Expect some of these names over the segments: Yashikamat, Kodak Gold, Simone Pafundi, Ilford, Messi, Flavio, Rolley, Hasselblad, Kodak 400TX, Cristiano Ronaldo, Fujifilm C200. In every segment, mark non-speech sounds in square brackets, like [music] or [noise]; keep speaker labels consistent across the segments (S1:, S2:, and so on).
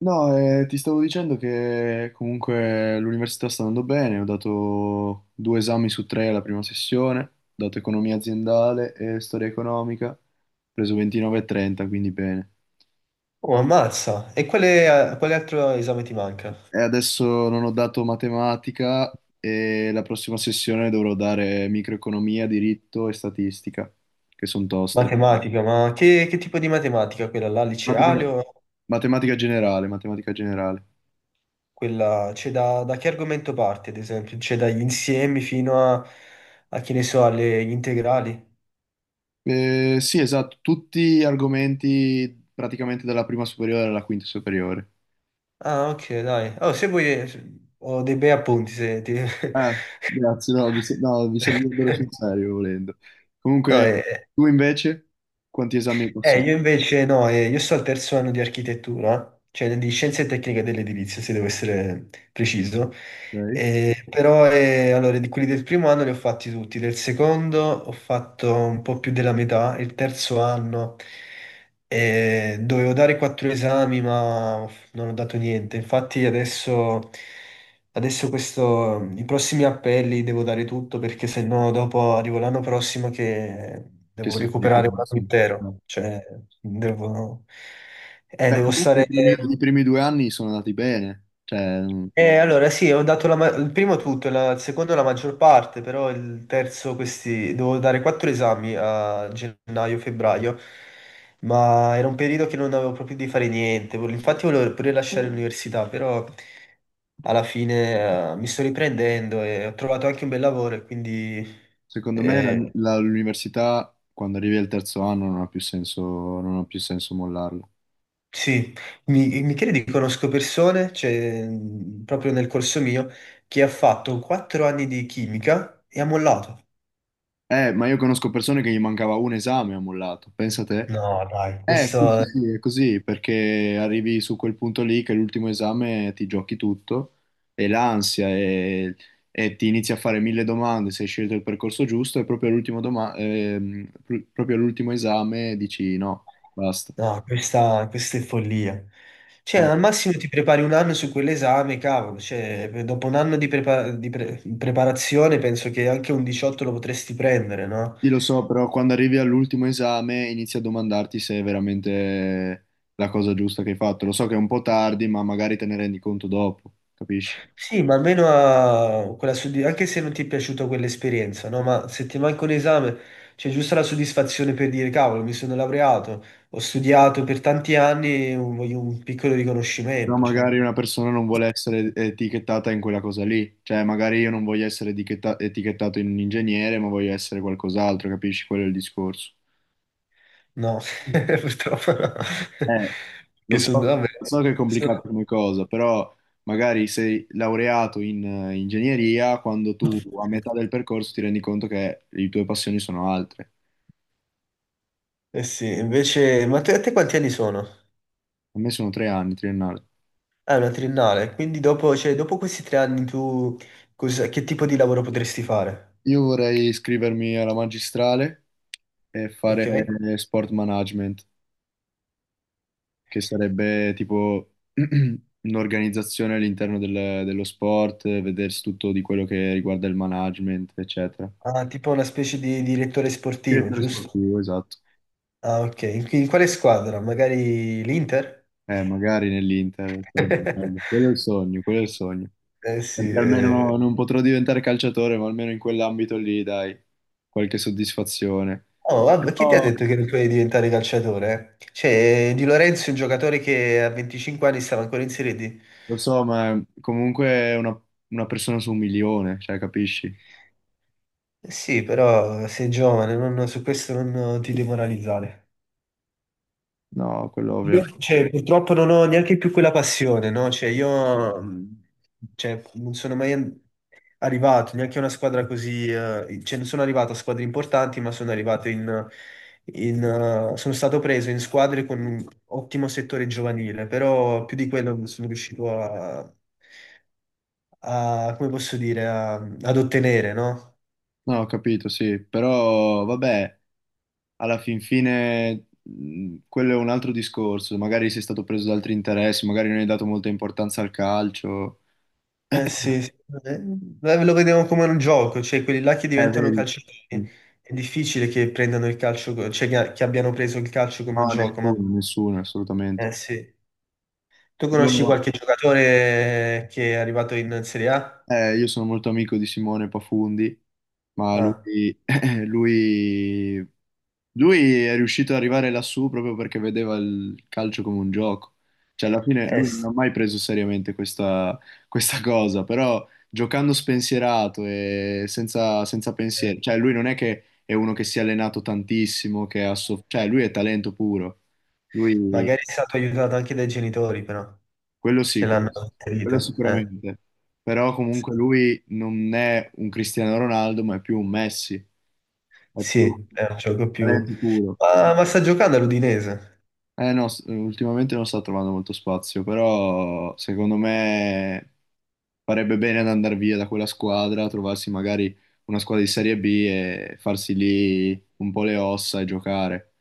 S1: No, ti stavo dicendo che comunque l'università sta andando bene. Ho dato due esami su tre alla prima sessione, ho dato economia aziendale e storia economica, ho preso 29 e 30, quindi bene.
S2: Oh, ammazza. E quale altro esame ti manca?
S1: E adesso non ho dato matematica e la prossima sessione dovrò dare microeconomia, diritto e statistica, che sono toste.
S2: Matematica, ma che tipo di matematica? Quella là, liceale
S1: Matematica
S2: o
S1: matematica generale,
S2: quella... C'è da che argomento parte, ad esempio? C'è dagli insiemi fino a, a che ne so, alle gli integrali?
S1: Sì, esatto, tutti argomenti praticamente dalla prima superiore alla quinta superiore.
S2: Ah, ok, dai. Oh, se vuoi, ho dei bei appunti, se ti...
S1: Grazie, no, vi servirebbero sul
S2: [laughs]
S1: serio volendo.
S2: No,
S1: Comunque,
S2: eh,
S1: tu invece, quanti esami hai passato?
S2: Io invece no, io sto al terzo anno di architettura, cioè di scienze tecniche dell'edilizia, se devo essere preciso.
S1: Ok?
S2: Però Allora, di quelli del primo anno li ho fatti tutti, del secondo ho fatto un po' più della metà, il terzo anno dovevo dare quattro esami ma non ho dato niente, infatti adesso questo, i prossimi appelli devo dare tutto perché se no dopo arrivo l'anno prossimo che
S1: Che
S2: devo
S1: sei fuori
S2: recuperare un anno
S1: corso.
S2: intero,
S1: No.
S2: cioè devo,
S1: Beh,
S2: devo
S1: comunque
S2: stare,
S1: i primi due anni sono andati bene. Cioè,
S2: allora sì, ho dato la ma- il primo tutto, la- il secondo la maggior parte, però il terzo questi, dovevo dare quattro esami a gennaio-febbraio, ma era un periodo che non avevo proprio di fare niente, vol- infatti volevo pure lasciare Mm. l'università, però alla fine mi sto riprendendo e ho trovato anche un bel lavoro e quindi
S1: secondo me
S2: eh,
S1: l'università, quando arrivi al terzo anno, non ha più senso, non ha più senso mollarlo.
S2: sì, mi credi che conosco persone, cioè, proprio nel corso mio, che ha fatto quattro anni di chimica e ha mollato.
S1: Ma io conosco persone che gli mancava un esame e ha mollato. Pensa te.
S2: No, dai,
S1: Eh sì, sì,
S2: questo,
S1: sì, è così, perché arrivi su quel punto lì che è l'ultimo esame ti giochi tutto e l'ansia e ti inizi a fare mille domande se hai scelto il percorso giusto e proprio proprio all'ultimo esame dici no, basta.
S2: no, questa è follia. Cioè,
S1: Eh,
S2: al massimo ti prepari un anno su quell'esame, cavolo. Cioè, dopo un anno di, prepa- di pre- preparazione penso che anche un 18 lo potresti prendere, no?
S1: Sì, lo so, però quando arrivi all'ultimo esame inizi a domandarti se è veramente la cosa giusta che hai fatto. Lo so che è un po' tardi, ma magari te ne rendi conto dopo, capisci?
S2: Sì, ma almeno a quella soddisf- anche se non ti è piaciuta quell'esperienza, no? Ma se ti manca un esame, c'è giusto la soddisfazione per dire, cavolo, mi sono laureato, ho studiato per tanti anni, un- voglio un piccolo
S1: No,
S2: riconoscimento, cioè.
S1: magari una persona non vuole essere etichettata in quella cosa lì, cioè magari io non voglio essere etichettato in un ingegnere, ma voglio essere qualcos'altro, capisci? Quello è il discorso.
S2: No, [laughs] purtroppo no.
S1: Eh, lo
S2: Che
S1: so,
S2: sono, vabbè,
S1: lo so che è complicato
S2: sono...
S1: come cosa, però magari sei laureato in ingegneria, quando tu a metà del percorso ti rendi conto che le tue passioni sono altre.
S2: Eh sì, invece, ma te- a te quanti anni sono?
S1: A me sono 3 anni, triennale.
S2: Ah, è una triennale, quindi dopo, cioè, dopo questi tre anni tu cosa- che tipo di lavoro potresti fare?
S1: Io vorrei iscrivermi alla magistrale e fare
S2: Ok?
S1: sport management, che sarebbe tipo [clears throat] un'organizzazione dello sport, vedersi tutto di quello che riguarda il management, eccetera.
S2: Ah, tipo una specie di direttore sportivo,
S1: Direttore
S2: giusto?
S1: sportivo, esatto.
S2: Ah, ok. In, in quale squadra? Magari l'Inter?
S1: Magari nell'Inter, sarebbe bello. Quello è il
S2: [laughs]
S1: sogno, quello è il sogno.
S2: Eh sì,
S1: Perché almeno
S2: eh.
S1: non potrò diventare calciatore, ma almeno in quell'ambito lì, dai, qualche soddisfazione.
S2: Oh, vabbè, chi ti ha
S1: Però,
S2: detto che non puoi diventare calciatore? Cioè, Di Lorenzo è un giocatore che a 25 anni stava ancora in Serie D.
S1: lo so, ma comunque una persona su un milione, cioè, capisci?
S2: Eh sì, però sei giovane, non- su questo non ti demoralizzare.
S1: No, quello ovviamente.
S2: Io, cioè, purtroppo non ho neanche più quella passione, no? Cioè, io cioè, non sono mai an- arrivato neanche a una squadra così, cioè, non sono arrivato a squadre importanti, ma sono arrivato in, sono stato preso in squadre con un ottimo settore giovanile, però più di quello non sono riuscito a, a- come posso dire, a- ad ottenere, no?
S1: No, ho capito, sì, però vabbè, alla fin fine quello è un altro discorso, magari sei stato preso da altri interessi, magari non hai dato molta importanza al calcio.
S2: Eh sì, sì. Beh, lo vediamo come un gioco, cioè quelli là che diventano
S1: Vedi?
S2: calciatori,
S1: Mm.
S2: è difficile che prendano il calcio, co- cioè che abbiano preso il calcio come un
S1: No,
S2: gioco, ma
S1: nessuno, nessuno, assolutamente.
S2: eh sì. Tu
S1: Io
S2: conosci qualche giocatore che è arrivato in Serie A?
S1: eh, io sono molto amico di Simone Pafundi, ma
S2: Ah,
S1: lui, [laughs] lui, lui è riuscito ad arrivare lassù proprio perché vedeva il calcio come un gioco. Cioè, alla fine lui non
S2: sì.
S1: ha mai preso seriamente questa cosa, però giocando spensierato e senza
S2: Eh,
S1: pensieri, cioè lui non è che è uno che si è allenato tantissimo, cioè lui è talento puro. Lui
S2: magari è stato aiutato anche dai genitori, però,
S1: quello sì,
S2: che
S1: quello,
S2: l'hanno
S1: sì, quello
S2: inserito.
S1: sicuramente. Però comunque
S2: Sì.
S1: lui non è un Cristiano Ronaldo, ma è più un Messi, è più
S2: Sì, è un gioco più...
S1: talento puro.
S2: Ma sta giocando all'Udinese.
S1: Eh no, ultimamente non sta trovando molto spazio, però secondo me farebbe bene ad andare via da quella squadra, trovarsi magari una squadra di Serie B e farsi lì un po' le ossa e giocare.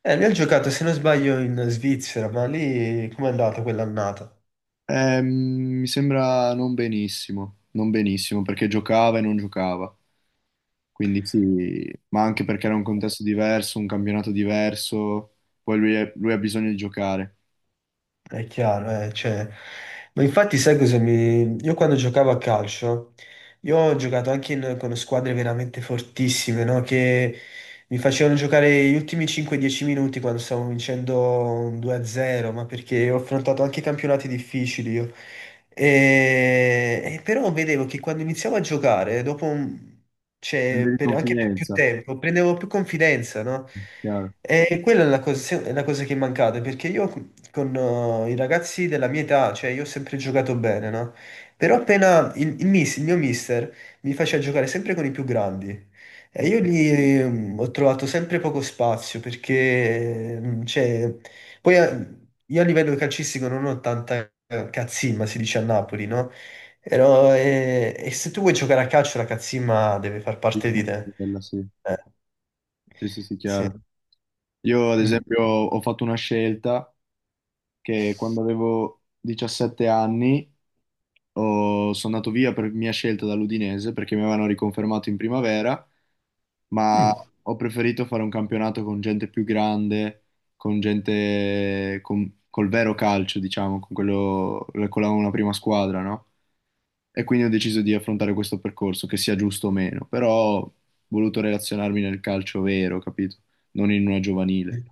S2: Lui ha giocato, se non sbaglio, in Svizzera, ma lì com'è andata quell'annata?
S1: Ehm, mi sembra non benissimo, non benissimo perché giocava e non giocava. Quindi sì, ma anche perché era un contesto diverso, un campionato diverso, poi lui ha bisogno di giocare.
S2: È chiaro, cioè, ma infatti sai cosa mi... Io quando giocavo a calcio, io ho giocato anche in- con squadre veramente fortissime, no? Che mi facevano giocare gli ultimi 5-10 minuti quando stavamo vincendo un 2-0, ma perché ho affrontato anche campionati difficili io. E però vedevo che quando iniziavo a giocare, dopo un-
S1: Quindi
S2: cioè,
S1: di
S2: per- anche per più
S1: confidenza,
S2: tempo, prendevo più confidenza, no?
S1: chiaro.
S2: E quella è la cosa che è mancata, perché io con i ragazzi della mia età, cioè io ho sempre giocato bene, no? Però appena il miss- il mio mister mi faceva giocare sempre con i più grandi e io lì ho trovato sempre poco spazio perché, cioè, poi io a livello calcistico non ho tanta cazzimma, si dice a Napoli, no? Però, e se tu vuoi giocare a calcio la cazzimma deve far parte di te.
S1: Quella sì.
S2: Eh,
S1: Sì, sì, sì,
S2: sì.
S1: chiaro. Io ad
S2: Mm.
S1: esempio ho fatto una scelta che quando avevo 17 anni sono andato via per mia scelta dall'Udinese perché mi avevano riconfermato in primavera ma ho preferito fare un campionato con gente più grande, con col vero calcio, diciamo, con quello, una prima squadra, no? E quindi ho deciso di affrontare questo percorso, che sia giusto o meno, però ho voluto relazionarmi nel calcio vero, capito? Non in una giovanile.
S2: Mm.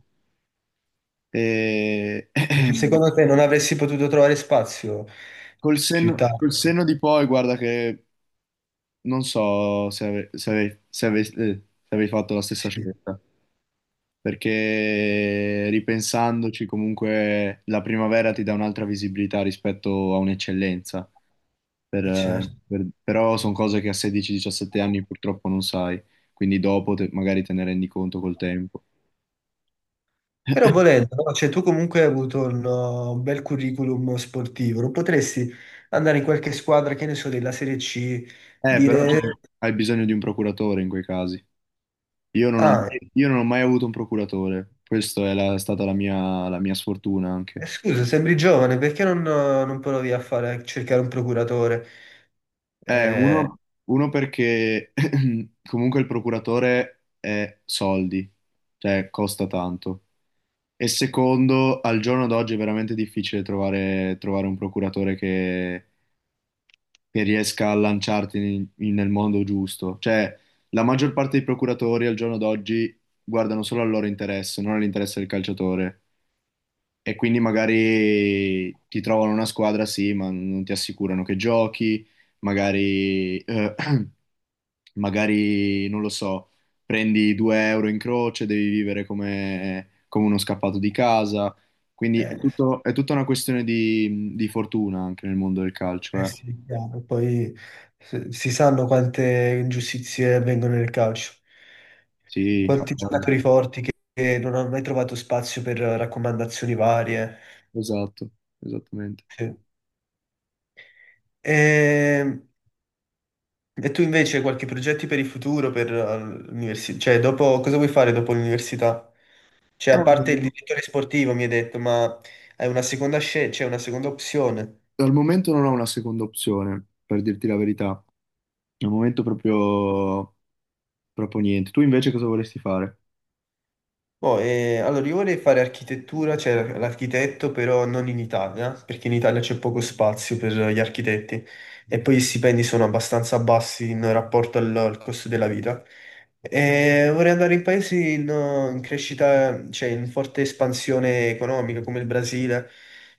S1: E...
S2: Perché
S1: [clears throat]
S2: secondo te non avresti potuto trovare spazio
S1: col
S2: pi- più
S1: senno, col
S2: tardi?
S1: senno di poi, guarda che non so se avevi fatto la stessa
S2: Sì,
S1: scelta, perché ripensandoci comunque la primavera ti dà un'altra visibilità rispetto a un'eccellenza.
S2: certo.
S1: Però sono cose che a 16-17 anni purtroppo non sai, quindi dopo magari te ne rendi conto col tempo.
S2: Però
S1: [coughs]
S2: volendo, no? Cioè, tu comunque hai avuto un bel curriculum sportivo, non potresti andare in qualche squadra, che ne so, della Serie C,
S1: Però cioè,
S2: dire,
S1: hai bisogno di un procuratore in quei casi. Io non ho,
S2: ah,
S1: io non ho mai avuto un procuratore, questa è stata la mia sfortuna anche.
S2: scusa, sembri giovane, perché non, non provi a fare, a cercare un procuratore?
S1: Eh,
S2: Eh,
S1: uno, uno perché [laughs] [clears throat] comunque il procuratore è soldi, cioè costa tanto. E secondo, al giorno d'oggi è veramente difficile trovare un procuratore che riesca a lanciarti nel mondo giusto. Cioè, la maggior parte dei procuratori al giorno d'oggi guardano solo al loro interesse, non all'interesse del calciatore. E quindi magari ti trovano una squadra, sì, ma non ti assicurano che giochi magari [clears throat] magari, non lo so, prendi 2 euro in croce, devi vivere come uno scappato di casa. Quindi è
S2: eh,
S1: è tutta una questione di fortuna anche nel mondo del calcio,
S2: eh
S1: eh.
S2: sì, chiaro. Poi se- si sanno quante ingiustizie avvengono nel calcio.
S1: Sì, ha
S2: Quanti
S1: voglia.
S2: giocatori forti che non hanno mai trovato spazio per raccomandazioni varie.
S1: Esatto, esattamente.
S2: Sì. E, e tu invece qualche progetti per il futuro, per l'università? Cioè, dopo, cosa vuoi fare dopo l'università? Cioè, a parte il
S1: Al
S2: direttore sportivo, mi hai detto, ma hai una seconda scelta, c'è una seconda opzione.
S1: momento non ho una seconda opzione, per dirti la verità. Al momento proprio niente. Tu invece cosa vorresti fare?
S2: Boh, allora, io vorrei fare architettura, cioè l'architetto, però non in Italia, perché in Italia c'è poco spazio per gli architetti e poi i stipendi sono abbastanza bassi in rapporto al costo della vita. E vorrei andare in paesi in, in crescita, cioè in forte espansione economica, come il Brasile,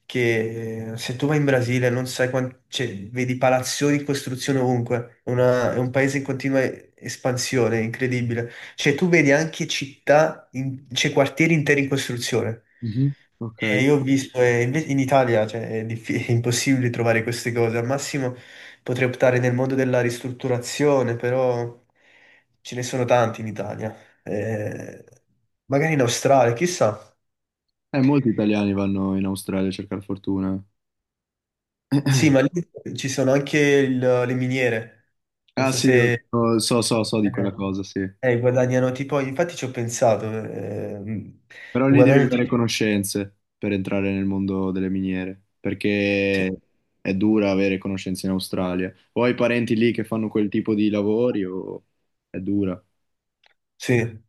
S2: che se tu vai in Brasile non sai quanti, cioè, vedi palazzoni in costruzione ovunque. È una- è un paese in continua espansione, incredibile. Cioè, tu vedi anche città, in- cioè quartieri interi in costruzione.
S1: Mhm. Ok.
S2: E io ho visto, e inve- in Italia, cioè, è, diffi- [laughs] è impossibile trovare queste cose. Al massimo potrei optare nel mondo della ristrutturazione, però ce ne sono tanti in Italia. Eh, magari in Australia, chissà.
S1: Molti italiani vanno in Australia a cercare fortuna.
S2: Sì, ma lì
S1: [clears throat]
S2: ci sono anche il- le miniere. Non
S1: Ah eh,
S2: so
S1: sì, io
S2: se
S1: so di quella
S2: eh,
S1: cosa, sì.
S2: guadagnano tipo, infatti ci ho pensato,
S1: Però lì devi
S2: guadagnano
S1: avere conoscenze per entrare nel mondo delle miniere,
S2: sì.
S1: perché è dura avere conoscenze in Australia. O hai parenti lì che fanno quel tipo di lavori o è dura.
S2: Sì.